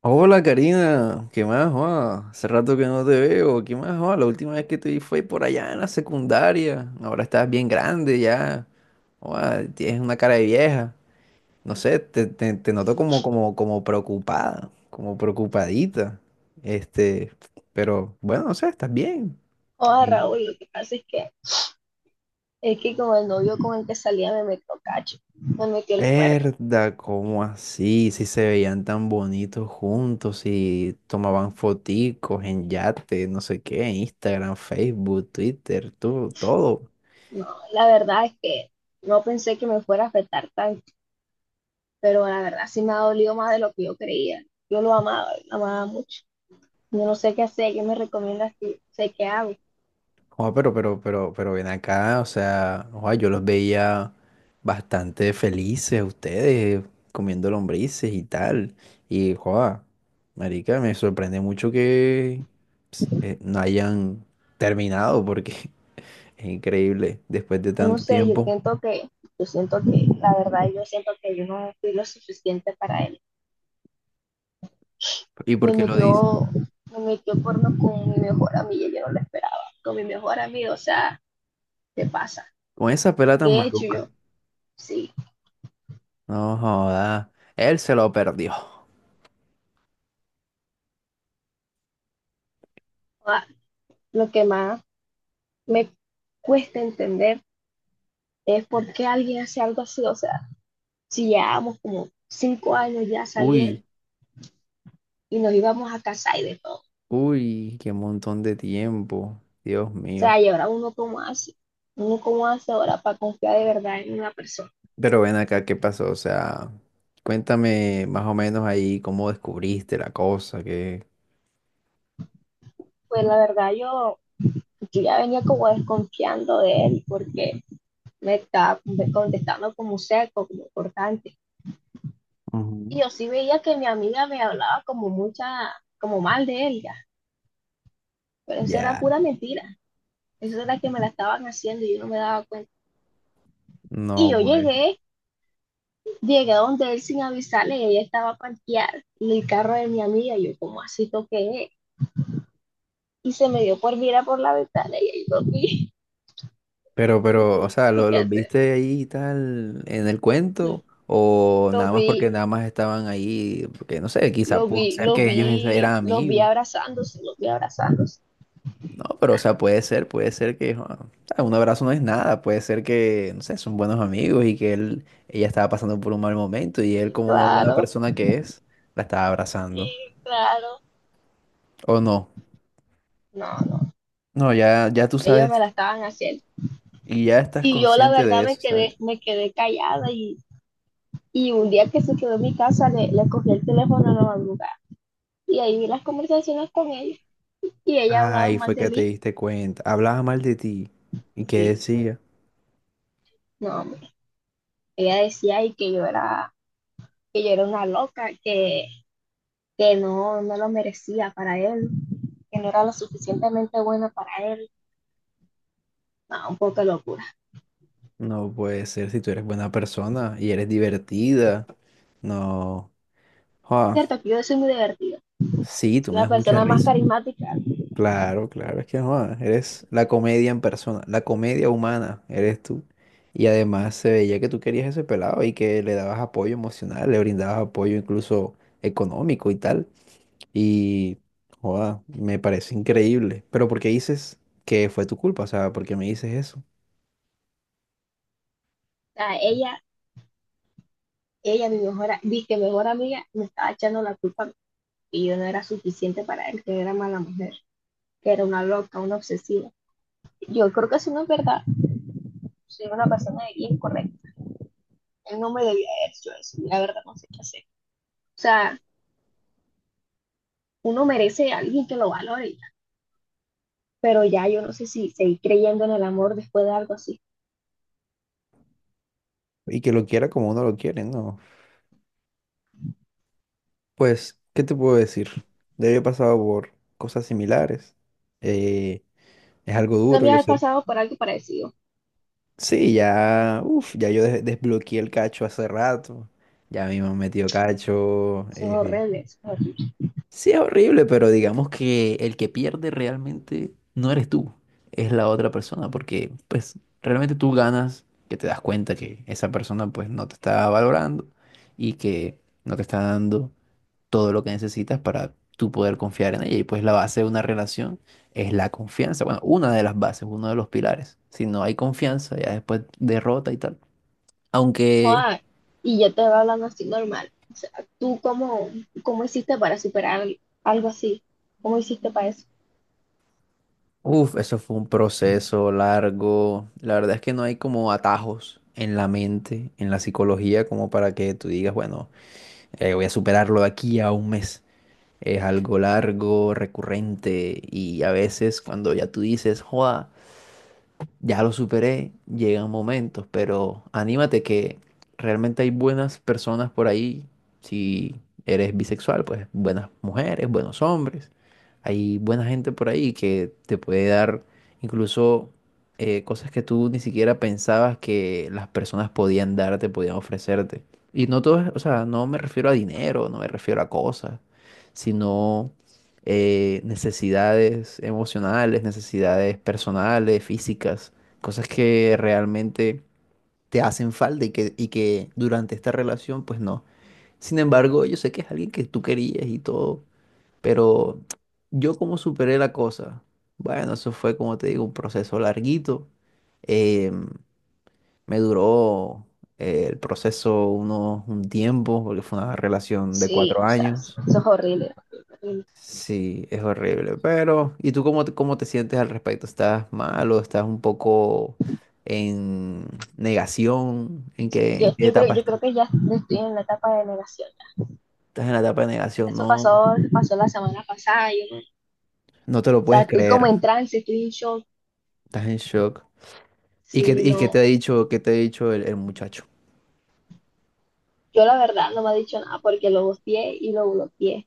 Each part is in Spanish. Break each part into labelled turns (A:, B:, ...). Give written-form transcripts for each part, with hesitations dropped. A: Hola Karina, ¿qué más? ¿Joa? Hace rato que no te veo, ¿qué más? ¿Joa? La última vez que te vi fue por allá en la secundaria, ahora estás bien grande ya, joa, tienes una cara de vieja, no sé, te noto como, como preocupada, como preocupadita, este, pero bueno, no sé, estás bien.
B: O Raúl, lo que pasa es que con el novio con el que salía me metió cacho, me metió el cuerno.
A: Herda, ¿cómo así? Si se veían tan bonitos juntos, si tomaban foticos en yate, no sé qué, en Instagram, Facebook, Twitter, todo, todo.
B: No, la verdad es que no pensé que me fuera a afectar tanto, pero la verdad sí me ha dolido más de lo que yo creía. Yo lo amaba mucho. Yo no sé qué hacer, ¿qué me recomiendas que sé qué hago?
A: Joa, pero ven acá, o sea, joa, yo los veía bastante felices ustedes, comiendo lombrices y tal. Y, joa, marica, me sorprende mucho que no hayan terminado, porque es increíble, después de
B: Yo no
A: tanto
B: sé, yo
A: tiempo.
B: siento que, yo siento que, la verdad, yo siento que yo no fui lo suficiente para él.
A: ¿Y por
B: Me
A: qué lo dices?
B: metió, me metió porno con mi mejor amiga, yo no lo esperaba, con mi mejor amigo, o sea, ¿qué pasa?
A: Con esa pela
B: ¿Qué
A: tan
B: he hecho
A: maluca.
B: yo? Sí.
A: No joda. Él se lo perdió.
B: Ah, lo que más me cuesta entender es por qué alguien hace algo así. O sea, si llevábamos como cinco años ya saliendo
A: Uy,
B: y nos íbamos a casar y de todo.
A: uy, qué montón de tiempo. Dios
B: O
A: mío.
B: sea, y ahora uno cómo hace ahora para confiar de verdad en una persona.
A: Pero ven acá, ¿qué pasó? O sea, cuéntame más o menos ahí cómo descubriste la cosa, que...
B: Pues la verdad yo, yo ya venía como desconfiando de él porque me estaba contestando como seco, como cortante.
A: Ujú.
B: Y yo sí veía que mi amiga me hablaba como mucha, como mal de él ya, pero eso era
A: Ya,
B: pura mentira. Eso era la que me la estaban haciendo y yo no me daba cuenta. Y
A: no
B: yo
A: pues.
B: llegué, llegué a donde él sin avisarle, y ella estaba parqueada en el carro de mi amiga, y yo como así toqué, y se me dio por mirar por la ventana, y ahí lo vi.
A: Pero, o sea, ¿
B: ¿Qué
A: los
B: hacer?
A: viste ahí y tal en el
B: No.
A: cuento? ¿O
B: Lo
A: nada más porque
B: vi,
A: nada más estaban ahí? Porque no sé, quizá
B: lo
A: pudo
B: vi,
A: ser
B: lo
A: que ellos esa-
B: vi,
A: eran
B: lo vi
A: amigos.
B: abrazándose, lo vi abrazándose,
A: No, pero o sea, puede ser que jo, o sea, un abrazo no es nada, puede ser que, no sé, son buenos amigos y que ella estaba pasando por un mal momento y él
B: y
A: como una buena
B: claro,
A: persona que es, la estaba
B: y
A: abrazando.
B: claro,
A: O no,
B: no, no,
A: no, ya, ya tú
B: ellos me
A: sabes
B: la estaban haciendo.
A: y ya estás
B: Y yo la
A: consciente
B: verdad
A: de
B: me
A: eso, ¿sabes?
B: quedé, me quedé callada. Y un día que se quedó en mi casa, le cogí el teléfono a la madrugada. Y ahí vi las conversaciones con ella. Y ella ha hablado
A: Ay,
B: mal
A: fue
B: de
A: que te
B: mí.
A: diste cuenta, hablaba mal de ti y qué
B: Sí,
A: decía.
B: no. Ella decía y que yo era una loca, que no, no lo merecía para él, que no era lo suficientemente buena para él. No, un poco de locura.
A: No puede ser, si tú eres buena persona y eres divertida. No, ah,
B: Cierto que yo soy muy divertida.
A: sí, tú
B: Soy
A: me
B: la
A: das mucha
B: persona más
A: risa.
B: carismática. O
A: Claro, claro, es que no, eres la comedia en persona, la comedia humana, eres tú. Y además se veía que tú querías ese pelado y que le dabas apoyo emocional, le brindabas apoyo incluso económico y tal. Y, joda, me parece increíble. Pero ¿por qué dices que fue tu culpa? O sea, ¿por qué me dices eso?
B: sea, ella, mi mejor, mi que mejor amiga, me estaba echando la culpa que yo no era suficiente para él, que era mala mujer, que era una loca, una obsesiva. Yo creo que eso no es verdad. Soy una persona bien correcta. Él no me debía haber hecho eso. La verdad, no sé qué hacer. O sea, uno merece a alguien que lo valore. Pero ya yo no sé si seguir creyendo en el amor después de algo así.
A: Y que lo quiera como uno lo quiere, ¿no? Pues, ¿qué te puedo decir? Yo he pasado por cosas similares. eh, es algo
B: ¿Tú
A: duro,
B: también
A: yo
B: has
A: sé.
B: pasado por algo parecido?
A: Sí, ya, uf, ya yo des- desbloqueé el cacho hace rato. Ya mismo me metió cacho.
B: Eso es horrible, eso es horrible.
A: Sí, es horrible, pero digamos que el que pierde realmente no eres tú, es la otra persona, porque pues realmente tú ganas que te das cuenta que esa persona pues no te está valorando y que no te está dando todo lo que necesitas para tú poder confiar en ella. Y pues la base de una relación es la confianza. Bueno, una de las bases, uno de los pilares. Si no hay confianza, ya después derrota y tal. Aunque,
B: Ah, y yo te voy hablando así normal. O sea, ¿tú cómo, cómo hiciste para superar algo así? ¿Cómo hiciste para eso?
A: uff, eso fue un proceso largo. La verdad es que no hay como atajos en la mente, en la psicología, como para que tú digas, bueno, voy a superarlo de aquí a un mes. Es algo largo, recurrente, y a veces cuando ya tú dices, joda, ya lo superé, llegan momentos, pero anímate que realmente hay buenas personas por ahí. Si eres bisexual, pues buenas mujeres, buenos hombres. Hay buena gente por ahí que te puede dar incluso cosas que tú ni siquiera pensabas que las personas podían darte, podían ofrecerte. Y no todo, es- o sea, no me refiero a dinero, no me refiero a cosas, sino necesidades emocionales, necesidades personales, físicas. Cosas que realmente te hacen falta y que durante esta relación, pues no. Sin embargo, yo sé que es alguien que tú querías y todo, pero yo como superé la cosa. Bueno, eso fue, como te digo, un proceso larguito. Eh, Me duró el proceso un tiempo, porque fue una relación de
B: Sí,
A: cuatro
B: o sea, eso
A: años.
B: es horrible, horrible.
A: Sí, es horrible, pero ¿y tú cómo cómo te sientes al respecto? ¿Estás mal o estás un poco en negación? En
B: Yo,
A: qué
B: yo, creo,
A: etapa
B: yo
A: estás?
B: creo que ya estoy en la etapa de negación.
A: Estás en la etapa de negación,
B: Eso
A: no,
B: pasó, pasó la semana pasada. Yo, no, o
A: no te lo
B: sea,
A: puedes
B: estoy como
A: creer,
B: en trance, estoy en shock.
A: estás en shock.
B: Sí,
A: Y qué te ha
B: no.
A: dicho, qué te ha dicho el muchacho?
B: Yo la verdad no me ha dicho nada porque lo gosteé y lo bloqueé.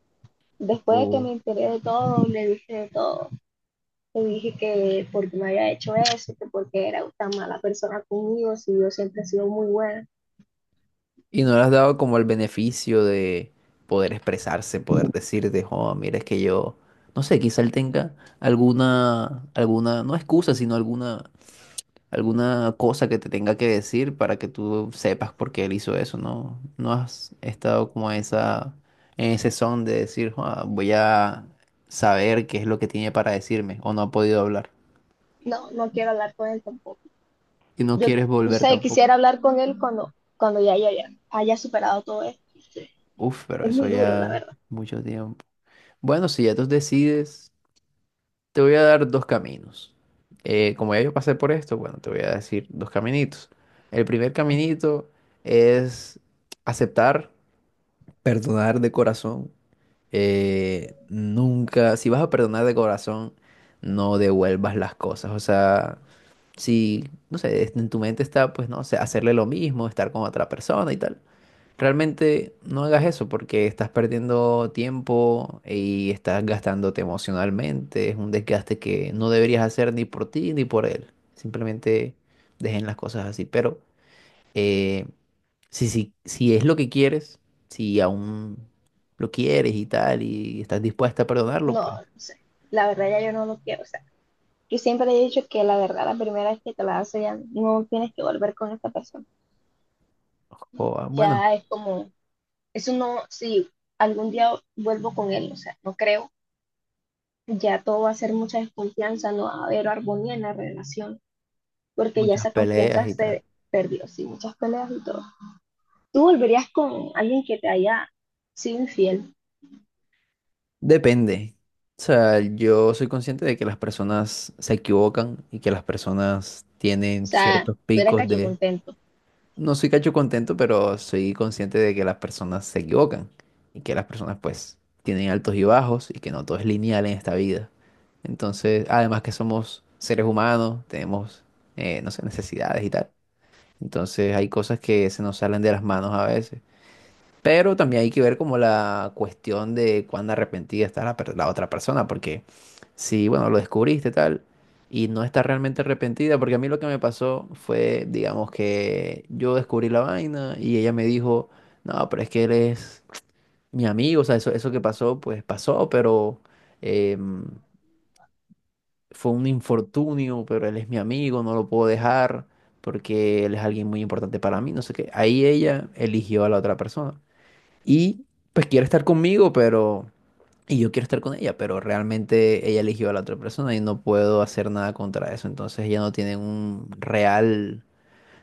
B: Después de que me
A: Uf.
B: enteré de todo, le dije de todo. Le dije que porque me había hecho eso, que porque era tan mala persona conmigo, si yo siempre he sido muy buena.
A: Y no le has dado como el beneficio de poder expresarse, poder decirte, oh, mira, es que yo, no sé, quizá él tenga alguna, alguna, no excusa, sino alguna cosa que te tenga que decir para que tú sepas por qué él hizo eso, ¿no? No has estado como esa, en ese son de decir, "Ah, voy a saber qué es lo que tiene para decirme", o no ha podido hablar.
B: No, no quiero hablar con él tampoco.
A: Y no
B: Yo,
A: quieres
B: no
A: volver
B: sé,
A: tampoco.
B: quisiera hablar con él cuando, cuando ya haya superado todo esto. Sí.
A: Uf, pero
B: Es
A: eso
B: muy duro, la
A: ya
B: verdad.
A: mucho tiempo. Bueno, si ya tú decides, te voy a dar dos caminos. Como ya yo pasé por esto, bueno, te voy a decir dos caminitos. El primer caminito es aceptar. Perdonar de corazón. Nunca, si vas a perdonar de corazón, no devuelvas las cosas. O sea, si, no sé, es- en tu mente está, pues, no sé, hacerle lo mismo, estar con otra persona y tal. Realmente no hagas eso porque estás perdiendo tiempo y estás gastándote emocionalmente. Es un desgaste que no deberías hacer ni por ti ni por él. Simplemente dejen las cosas así. Pero eh, si es lo que quieres, si aún lo quieres y tal, y estás dispuesta a perdonarlo, pues,
B: No, no sé. La verdad ya yo no lo quiero. O sea, yo siempre he dicho que la verdad, la primera vez que te la das ya no tienes que volver con esta persona.
A: joda, bueno,
B: Ya es como, eso no, si algún día vuelvo con él, o sea, no creo, ya todo va a ser mucha desconfianza, no va a haber armonía en la relación, porque ya
A: muchas
B: esa
A: peleas
B: confianza
A: y tal.
B: se perdió, sí, muchas peleas y todo. ¿Tú volverías con alguien que te haya sido infiel?
A: Depende. O sea, yo soy consciente de que las personas se equivocan y que las personas
B: O
A: tienen
B: sea,
A: ciertos
B: ¿tú eres
A: picos
B: cacho
A: de,
B: contento?
A: no soy cacho contento, pero soy consciente de que las personas se equivocan y que las personas pues tienen altos y bajos y que no todo es lineal en esta vida. Entonces, además que somos seres humanos, tenemos, no sé, necesidades y tal. Entonces hay cosas que se nos salen de las manos a veces. Pero también hay que ver como la cuestión de cuán arrepentida está la, per- la otra persona, porque si, bueno, lo descubriste tal y no está realmente arrepentida, porque a mí lo que me pasó fue, digamos, que yo descubrí la vaina y ella me dijo, no, pero es que él es mi amigo, o sea, eso que pasó, pues pasó, pero em, fue un infortunio, pero él es mi amigo, no lo puedo dejar porque él es alguien muy importante para mí, no sé qué. Ahí ella eligió a la otra persona. Y pues quiere estar conmigo, pero... Y yo quiero estar con ella, pero realmente ella eligió a la otra persona y no puedo hacer nada contra eso. Entonces ella no tiene un real...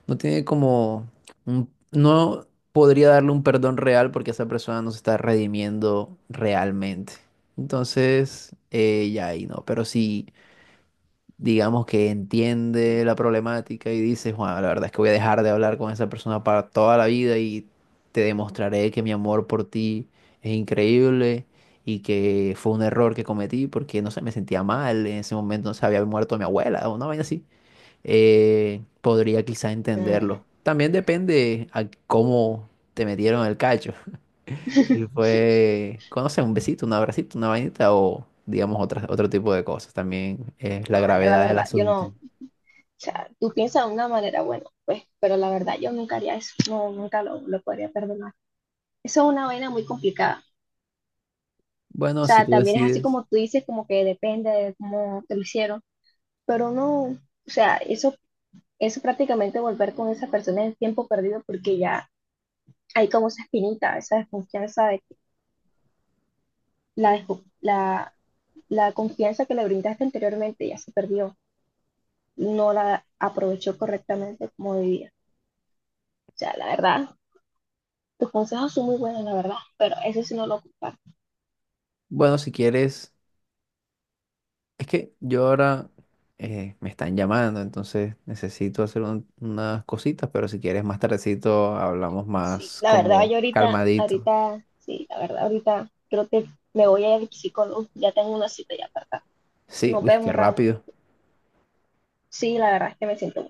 A: No tiene como... un- no podría darle un perdón real porque esa persona no se está redimiendo realmente. Entonces, ya ahí no. Pero sí digamos que entiende la problemática y dice, Juan, la verdad es que voy a dejar de hablar con esa persona para toda la vida y te demostraré que mi amor por ti es increíble y que fue un error que cometí porque, no sé, me sentía mal, en ese momento no se había muerto mi abuela o una vaina así, podría quizá
B: Mm.
A: entenderlo. También depende a cómo te metieron el cacho, si fue, conoce un besito, un abracito, una vainita o digamos otra otro tipo de cosas. También es la
B: No, ya la
A: gravedad del
B: verdad, yo
A: asunto.
B: no. O sea, tú piensas de una manera, bueno, pues, pero la verdad yo nunca haría eso, no, nunca lo podría perdonar. Eso es una vaina muy complicada. O
A: Bueno, si
B: sea,
A: tú
B: también es así
A: decides,
B: como tú dices, como que depende de cómo te lo hicieron, pero no, o sea, eso prácticamente volver con esa persona es tiempo perdido porque ya hay como esa espinita, esa desconfianza de que la, desco- la, la confianza que le brindaste anteriormente ya se perdió, no la aprovechó correctamente como debía. O sea, la verdad, tus consejos son muy buenos, la verdad, pero eso sí no lo comparto.
A: bueno, si quieres, es que yo ahora me están llamando, entonces necesito hacer un- unas cositas, pero si quieres más tardecito hablamos
B: Sí,
A: más
B: la verdad,
A: como
B: yo ahorita,
A: calmadito.
B: ahorita, sí, la verdad, ahorita creo que me voy a ir al psicólogo, ya tengo una cita ya apartada.
A: Sí,
B: Nos
A: uy, qué
B: vemos, Raúl.
A: rápido.
B: Sí, la verdad es que me siento